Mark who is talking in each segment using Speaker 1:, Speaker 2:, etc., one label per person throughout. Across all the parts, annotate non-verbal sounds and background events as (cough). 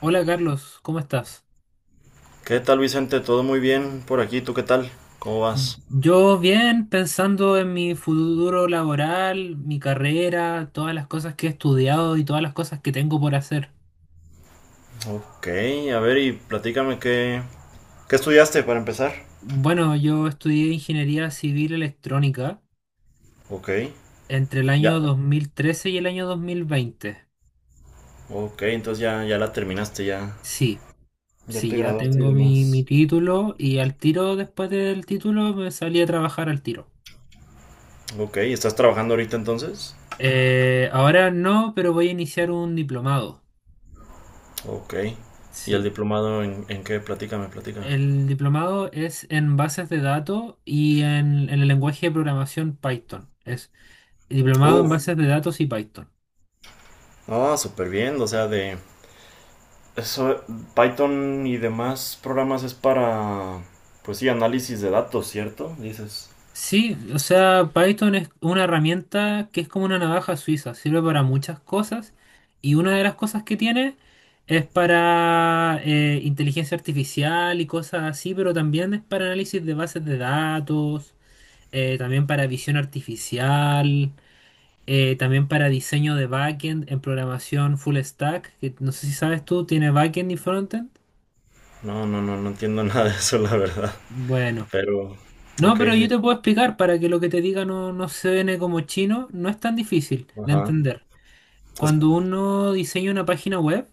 Speaker 1: Hola Carlos, ¿cómo estás?
Speaker 2: ¿Qué tal, Vicente? ¿Todo muy bien por aquí? ¿Tú qué tal? ¿Cómo vas?
Speaker 1: Yo bien, pensando en mi futuro laboral, mi carrera, todas las cosas que he estudiado y todas las cosas que tengo por hacer.
Speaker 2: Ok, a ver y qué estudiaste para empezar.
Speaker 1: Bueno, yo estudié ingeniería civil electrónica
Speaker 2: Ok,
Speaker 1: entre el año
Speaker 2: ya.
Speaker 1: 2013 y el año 2020.
Speaker 2: Ok, entonces ya, ya la terminaste, ya.
Speaker 1: Sí,
Speaker 2: Ya te
Speaker 1: sí, ya
Speaker 2: graduaste y
Speaker 1: tengo mi
Speaker 2: demás.
Speaker 1: título y al tiro, después del título, me salí a trabajar al tiro.
Speaker 2: Ok, ¿estás trabajando ahorita entonces?
Speaker 1: Ahora no, pero voy a iniciar un diplomado.
Speaker 2: Ok. ¿Y el
Speaker 1: Sí.
Speaker 2: en qué? Platícame, platícame.
Speaker 1: El diplomado es en bases de datos y en el lenguaje de programación Python. Es diplomado en
Speaker 2: Uf,
Speaker 1: bases de datos y Python.
Speaker 2: ah, súper bien, o sea, de... Eso, Python y demás programas es pues sí, análisis de datos, ¿cierto? Dices.
Speaker 1: Sí, o sea, Python es una herramienta que es como una navaja suiza, sirve para muchas cosas y una de las cosas que tiene es para inteligencia artificial y cosas así, pero también es para análisis de bases de datos, también para visión artificial. También para diseño de backend en programación full stack, que no sé si sabes tú, ¿tiene backend y frontend?
Speaker 2: No, entiendo (laughs) nada de eso, la verdad.
Speaker 1: Bueno,
Speaker 2: Pero,
Speaker 1: no,
Speaker 2: ok,
Speaker 1: pero yo te puedo explicar para que lo que te diga no suene como chino, no es tan difícil de
Speaker 2: ajá.
Speaker 1: entender.
Speaker 2: Es,
Speaker 1: Cuando uno diseña una página web,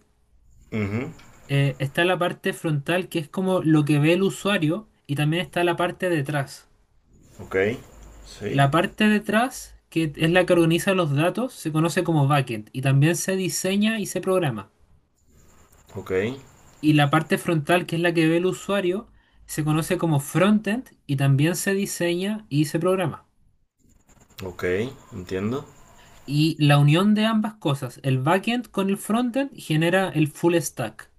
Speaker 2: ujú,
Speaker 1: está la parte frontal que es como lo que ve el usuario y también está la parte detrás.
Speaker 2: ok, sí,
Speaker 1: La parte detrás, que es la que organiza los datos, se conoce como backend y también se diseña y se programa.
Speaker 2: ok,
Speaker 1: Y la parte frontal, que es la que ve el usuario, se conoce como frontend y también se diseña y se programa.
Speaker 2: ok, entiendo.
Speaker 1: Y la unión de ambas cosas, el backend con el frontend, genera el full stack.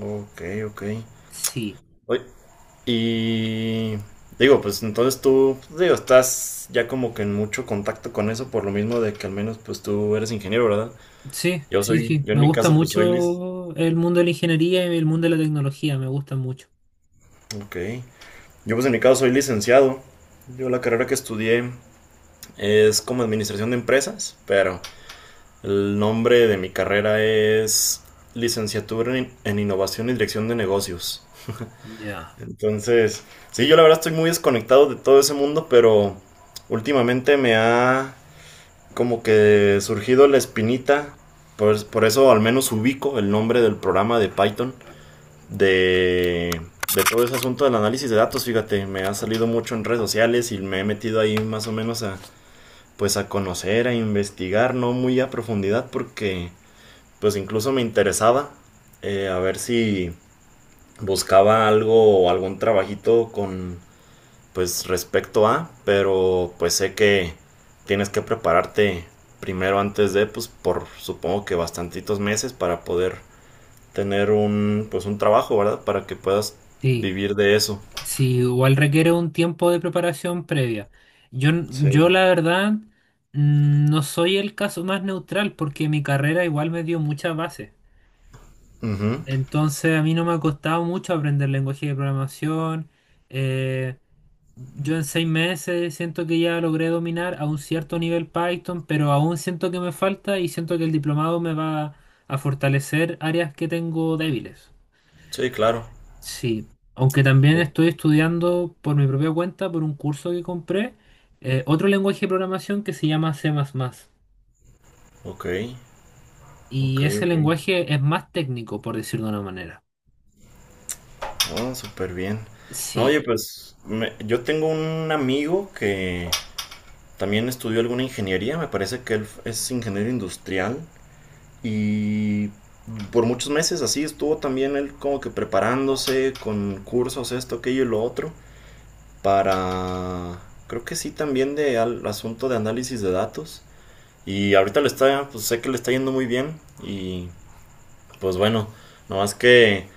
Speaker 2: Ok, ok.
Speaker 1: Sí,
Speaker 2: Oye, y digo, pues entonces tú, digo, estás ya como que en mucho contacto con eso, por lo mismo de que al menos pues tú eres ingeniero, ¿verdad?
Speaker 1: sí, sí, sí.
Speaker 2: Yo en
Speaker 1: Me
Speaker 2: mi
Speaker 1: gusta
Speaker 2: caso pues soy lic...
Speaker 1: mucho el mundo de la ingeniería y el mundo de la tecnología, me gusta mucho.
Speaker 2: Ok. Yo pues en mi caso soy licenciado. Yo la carrera que estudié es como administración de empresas, pero... El nombre de mi carrera es Licenciatura en Innovación y Dirección de Negocios.
Speaker 1: Ya,
Speaker 2: Entonces, sí, yo la verdad estoy muy desconectado de todo ese mundo, pero últimamente me ha como que surgido la espinita, por eso al menos ubico el nombre del programa de Python, de, de todo ese asunto del análisis de datos, fíjate, me ha salido mucho en redes sociales y me he metido ahí más o menos a, pues a conocer, a investigar, no muy a profundidad porque pues incluso me interesaba a ver si buscaba algo o algún trabajito con pues respecto a, pero pues sé que tienes que prepararte primero antes de pues por supongo que bastantitos meses para poder tener un pues un trabajo, ¿verdad? Para que puedas
Speaker 1: sí,
Speaker 2: vivir de eso.
Speaker 1: sí, igual requiere un tiempo de preparación previa. Yo
Speaker 2: Sí.
Speaker 1: la verdad, no soy el caso más neutral porque mi carrera igual me dio muchas bases.
Speaker 2: Ujú.
Speaker 1: Entonces a mí no me ha costado mucho aprender lenguaje de programación. Eh, yo en 6 meses siento que ya logré dominar a un cierto nivel Python, pero aún siento que me falta y siento que el diplomado me va a fortalecer áreas que tengo débiles.
Speaker 2: Sí, claro.
Speaker 1: Sí, aunque también
Speaker 2: O-
Speaker 1: estoy estudiando por mi propia cuenta, por un curso que compré, otro lenguaje de programación que se llama C++.
Speaker 2: Ok, ok,
Speaker 1: Y ese
Speaker 2: ok.
Speaker 1: lenguaje es más técnico, por decirlo de una manera.
Speaker 2: Oh, súper bien. No,
Speaker 1: Sí,
Speaker 2: oye, pues me- yo tengo un amigo que también estudió alguna ingeniería, me parece que él es ingeniero industrial y por muchos meses así estuvo también él como que preparándose con cursos, esto, aquello y lo otro, para, creo que sí también de al asunto de análisis de datos. Y ahorita le está, pues sé que le está yendo muy bien y pues bueno, no más que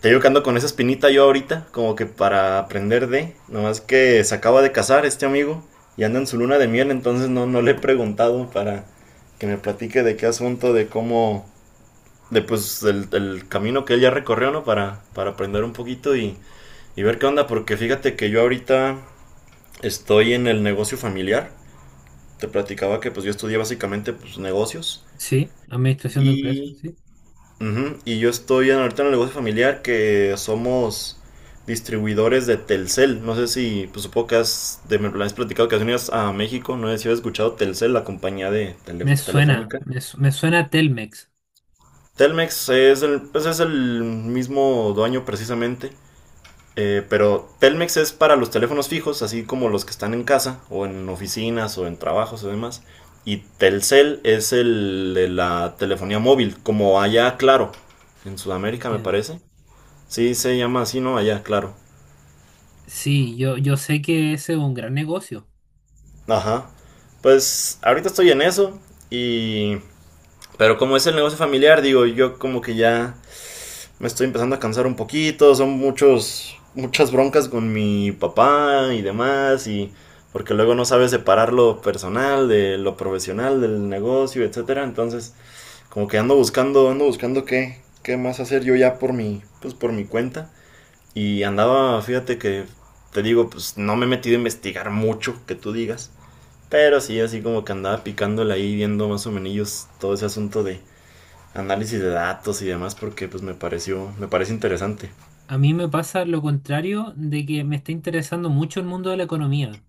Speaker 2: te digo que ando con esa espinita yo ahorita, como que para aprender de. Nomás que se acaba de casar este amigo y anda en su luna de miel, entonces no le he preguntado para que me platique de qué asunto, de cómo. De pues el camino que él ya recorrió, ¿no? Para aprender un poquito y ver qué onda, porque fíjate que yo ahorita estoy en el negocio familiar. Te platicaba que pues yo estudié básicamente pues negocios
Speaker 1: sí, administración de empresas,
Speaker 2: y
Speaker 1: sí.
Speaker 2: ujú, y yo estoy en- ahorita en el negocio familiar que somos distribuidores de Telcel. No sé si, pues supongo que has, de, me lo has platicado que has venido a México. No sé si has escuchado Telcel, la compañía de tele- telefónica.
Speaker 1: Me suena Telmex,
Speaker 2: Telmex es el, pues es el mismo dueño precisamente. Eh, pero Telmex es para los teléfonos fijos, así como los que están en casa o en oficinas o en trabajos o demás. Y Telcel es el de la telefonía móvil, como allá, claro, en Sudamérica me
Speaker 1: entiendo.
Speaker 2: parece. Sí, se llama así, ¿no? Allá, claro.
Speaker 1: Sí, yo sé que ese es un gran negocio.
Speaker 2: Ajá. Pues ahorita estoy en eso y... Pero como es el negocio familiar, digo, yo como que ya me estoy empezando a cansar un poquito, son muchas broncas con mi papá y demás, y porque luego no sabes separar lo personal de lo profesional, del negocio, etcétera. Entonces, como que ando buscando qué, qué más hacer yo ya por mi, pues por mi cuenta. Y andaba, fíjate que, te digo, pues no me he metido a investigar mucho, que tú digas. Pero sí, así como que andaba picándole ahí, viendo más o menos todo ese asunto de análisis de datos y demás, porque pues me pareció, me parece interesante.
Speaker 1: A mí me pasa lo contrario de que me está interesando mucho el mundo de la economía.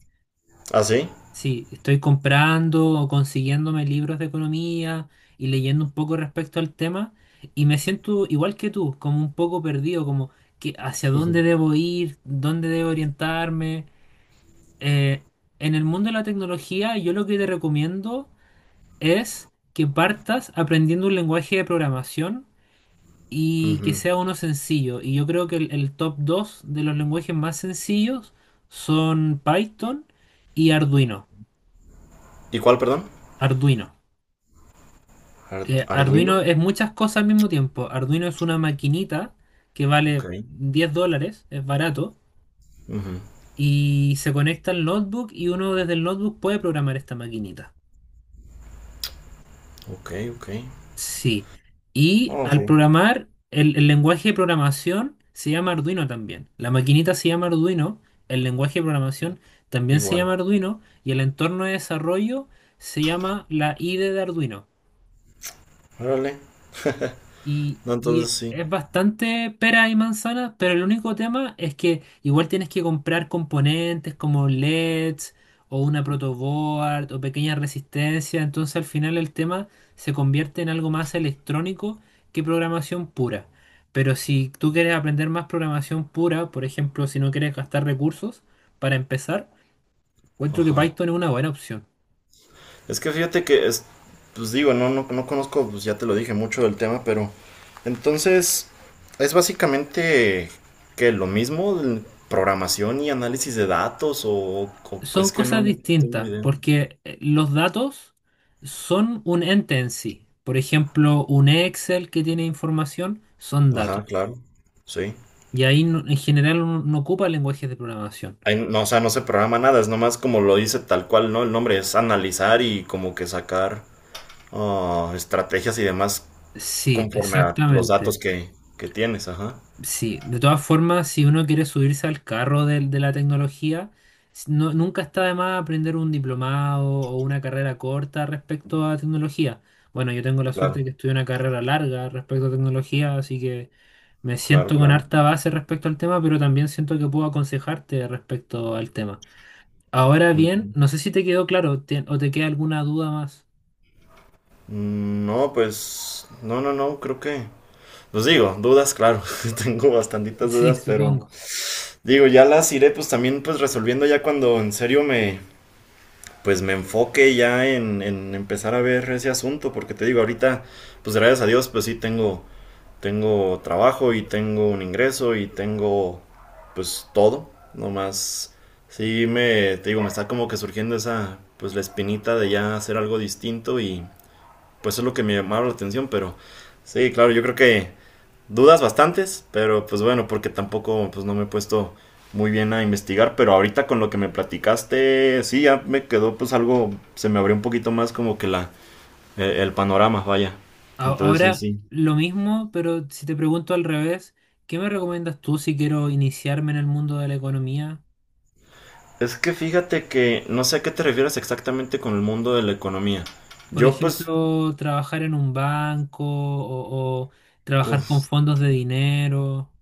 Speaker 2: ¿Ah, sí?
Speaker 1: Sí, estoy comprando o consiguiéndome libros de economía y leyendo un poco respecto al tema y me siento igual que tú, como un poco perdido, como que hacia dónde debo ir, dónde debo orientarme. Eh, en el mundo de la tecnología, yo lo que te recomiendo es que partas aprendiendo un lenguaje de programación y que
Speaker 2: Ujú.
Speaker 1: sea uno sencillo. Y yo creo que el top 2 de los lenguajes más sencillos son Python y Arduino.
Speaker 2: ¿Y cuál, perdón?
Speaker 1: Arduino.
Speaker 2: Ar- Arduino.
Speaker 1: Arduino es muchas cosas al mismo tiempo. Arduino es una maquinita que
Speaker 2: Ok.
Speaker 1: vale $10, es barato,
Speaker 2: Ujú.
Speaker 1: y se conecta al notebook y uno desde el notebook puede programar esta maquinita.
Speaker 2: Ok, ok.
Speaker 1: Sí. Y
Speaker 2: No,
Speaker 1: al
Speaker 2: sí.
Speaker 1: programar, el lenguaje de programación se llama Arduino también. La maquinita se llama Arduino, el lenguaje de programación también se
Speaker 2: Igual.
Speaker 1: llama Arduino y el entorno de desarrollo se llama la IDE de Arduino.
Speaker 2: Órale.
Speaker 1: Y,
Speaker 2: No, entonces
Speaker 1: y
Speaker 2: sí.
Speaker 1: es bastante pera y manzana, pero el único tema es que igual tienes que comprar componentes como LEDs o una protoboard o pequeña resistencia, entonces al final el tema se convierte en algo más electrónico que programación pura. Pero si tú quieres aprender más programación pura, por ejemplo, si no quieres gastar recursos para empezar, encuentro que
Speaker 2: Ajá.
Speaker 1: Python es una buena opción.
Speaker 2: Es que fíjate que, pues digo, no conozco, pues ya te lo dije mucho del tema, pero entonces es básicamente que lo mismo, el- programación y análisis de datos, o-
Speaker 1: Son
Speaker 2: es que
Speaker 1: cosas
Speaker 2: no tengo
Speaker 1: distintas,
Speaker 2: idea.
Speaker 1: porque los datos son un ente en sí. Por ejemplo, un Excel que tiene información son
Speaker 2: Ajá,
Speaker 1: datos.
Speaker 2: claro, sí.
Speaker 1: Y ahí no- en general uno no ocupa lenguajes de programación.
Speaker 2: Ahí no, o sea, no se programa nada, es nomás como lo dice tal cual, ¿no? El nombre es analizar y como que sacar ah, estrategias y demás
Speaker 1: Sí,
Speaker 2: conforme a los
Speaker 1: exactamente.
Speaker 2: que tienes, ajá.
Speaker 1: Sí, de todas formas, si uno quiere subirse al carro de la tecnología, nunca está de más aprender un diplomado o una carrera corta respecto a tecnología. Bueno, yo tengo la suerte de que
Speaker 2: Claro,
Speaker 1: estudié una carrera larga respecto a tecnología, así que me
Speaker 2: claro,
Speaker 1: siento con
Speaker 2: claro.
Speaker 1: harta base respecto al tema, pero también siento que puedo aconsejarte respecto al tema. Ahora bien,
Speaker 2: Ujú.
Speaker 1: no sé si te quedó claro o te queda alguna duda más.
Speaker 2: Mm, no, pues no, creo que... Pues digo, dudas, claro, (laughs) tengo bastantitas
Speaker 1: Sí,
Speaker 2: dudas, pero
Speaker 1: supongo.
Speaker 2: digo, ya las iré pues también pues resolviendo ya cuando en serio me pues me enfoque ya en empezar a ver ese asunto, porque te digo, ahorita pues gracias a Dios pues sí, tengo trabajo y tengo un ingreso y tengo pues todo, nomás sí me te digo, me está como que surgiendo esa pues la espinita de ya hacer algo distinto y pues es lo que me llamaba la atención, pero sí, claro, yo creo que dudas bastantes, pero pues bueno, porque tampoco pues no me he puesto muy bien a investigar, pero ahorita con lo que me platicaste, sí, ya me quedó pues algo, se me abrió un poquito más como que el panorama, vaya.
Speaker 1: A-
Speaker 2: Entonces sí,
Speaker 1: Ahora,
Speaker 2: sí.
Speaker 1: lo mismo, pero si te pregunto al revés, ¿qué me recomiendas tú si quiero iniciarme en el mundo de la economía?
Speaker 2: Es que fíjate que no sé a qué te refieres exactamente con el mundo de la economía.
Speaker 1: Por
Speaker 2: Yo pues,
Speaker 1: ejemplo, trabajar en un banco o trabajar con
Speaker 2: uf,
Speaker 1: fondos de dinero.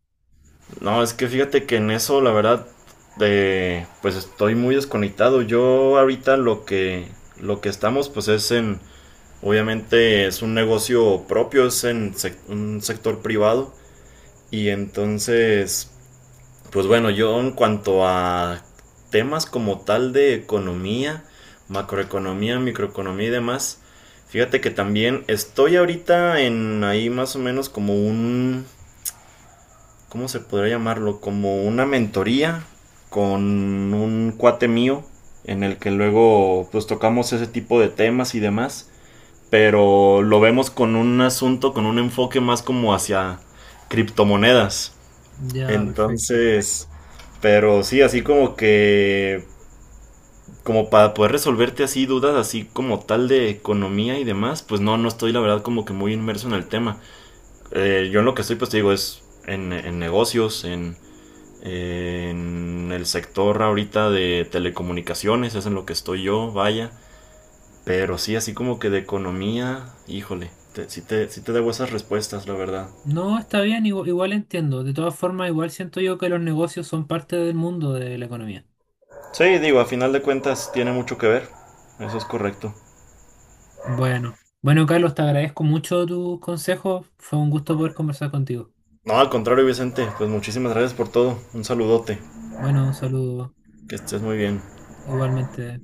Speaker 2: no, es que fíjate que en eso, la verdad, de, pues estoy muy desconectado. Yo ahorita lo que estamos, pues es obviamente es un negocio propio, es en sec- un sector privado. Y entonces, pues bueno, yo en cuanto a temas como tal de economía, macroeconomía, microeconomía y demás, fíjate que también estoy ahorita en ahí más o menos como un ¿cómo se podría llamarlo? Como una mentoría con un cuate mío en el que luego pues tocamos ese tipo de temas y demás, pero lo vemos con un asunto, con un enfoque más como hacia criptomonedas.
Speaker 1: Ya, perfecto.
Speaker 2: Entonces, pero sí, así como que, como para poder resolverte así dudas, así como tal de economía y demás, pues no, no estoy la verdad como que muy inmerso en el tema. Yo en lo que estoy, pues te digo, es en negocios, en el sector ahorita de telecomunicaciones es en lo que estoy yo, vaya. Pero sí, así como que de economía, híjole, te- sí, te, sí te debo esas respuestas, la verdad.
Speaker 1: No, está bien, igual, entiendo. De todas formas, igual siento yo que los negocios son parte del mundo de la economía.
Speaker 2: Sí, digo, a final de cuentas tiene mucho que ver. Eso es correcto.
Speaker 1: Bueno, bueno, Carlos, te agradezco mucho tus consejos. Fue un gusto poder conversar contigo.
Speaker 2: No, al contrario, Vicente, pues muchísimas gracias por todo. Un saludote.
Speaker 1: Bueno, un saludo
Speaker 2: Que estés muy bien.
Speaker 1: igualmente.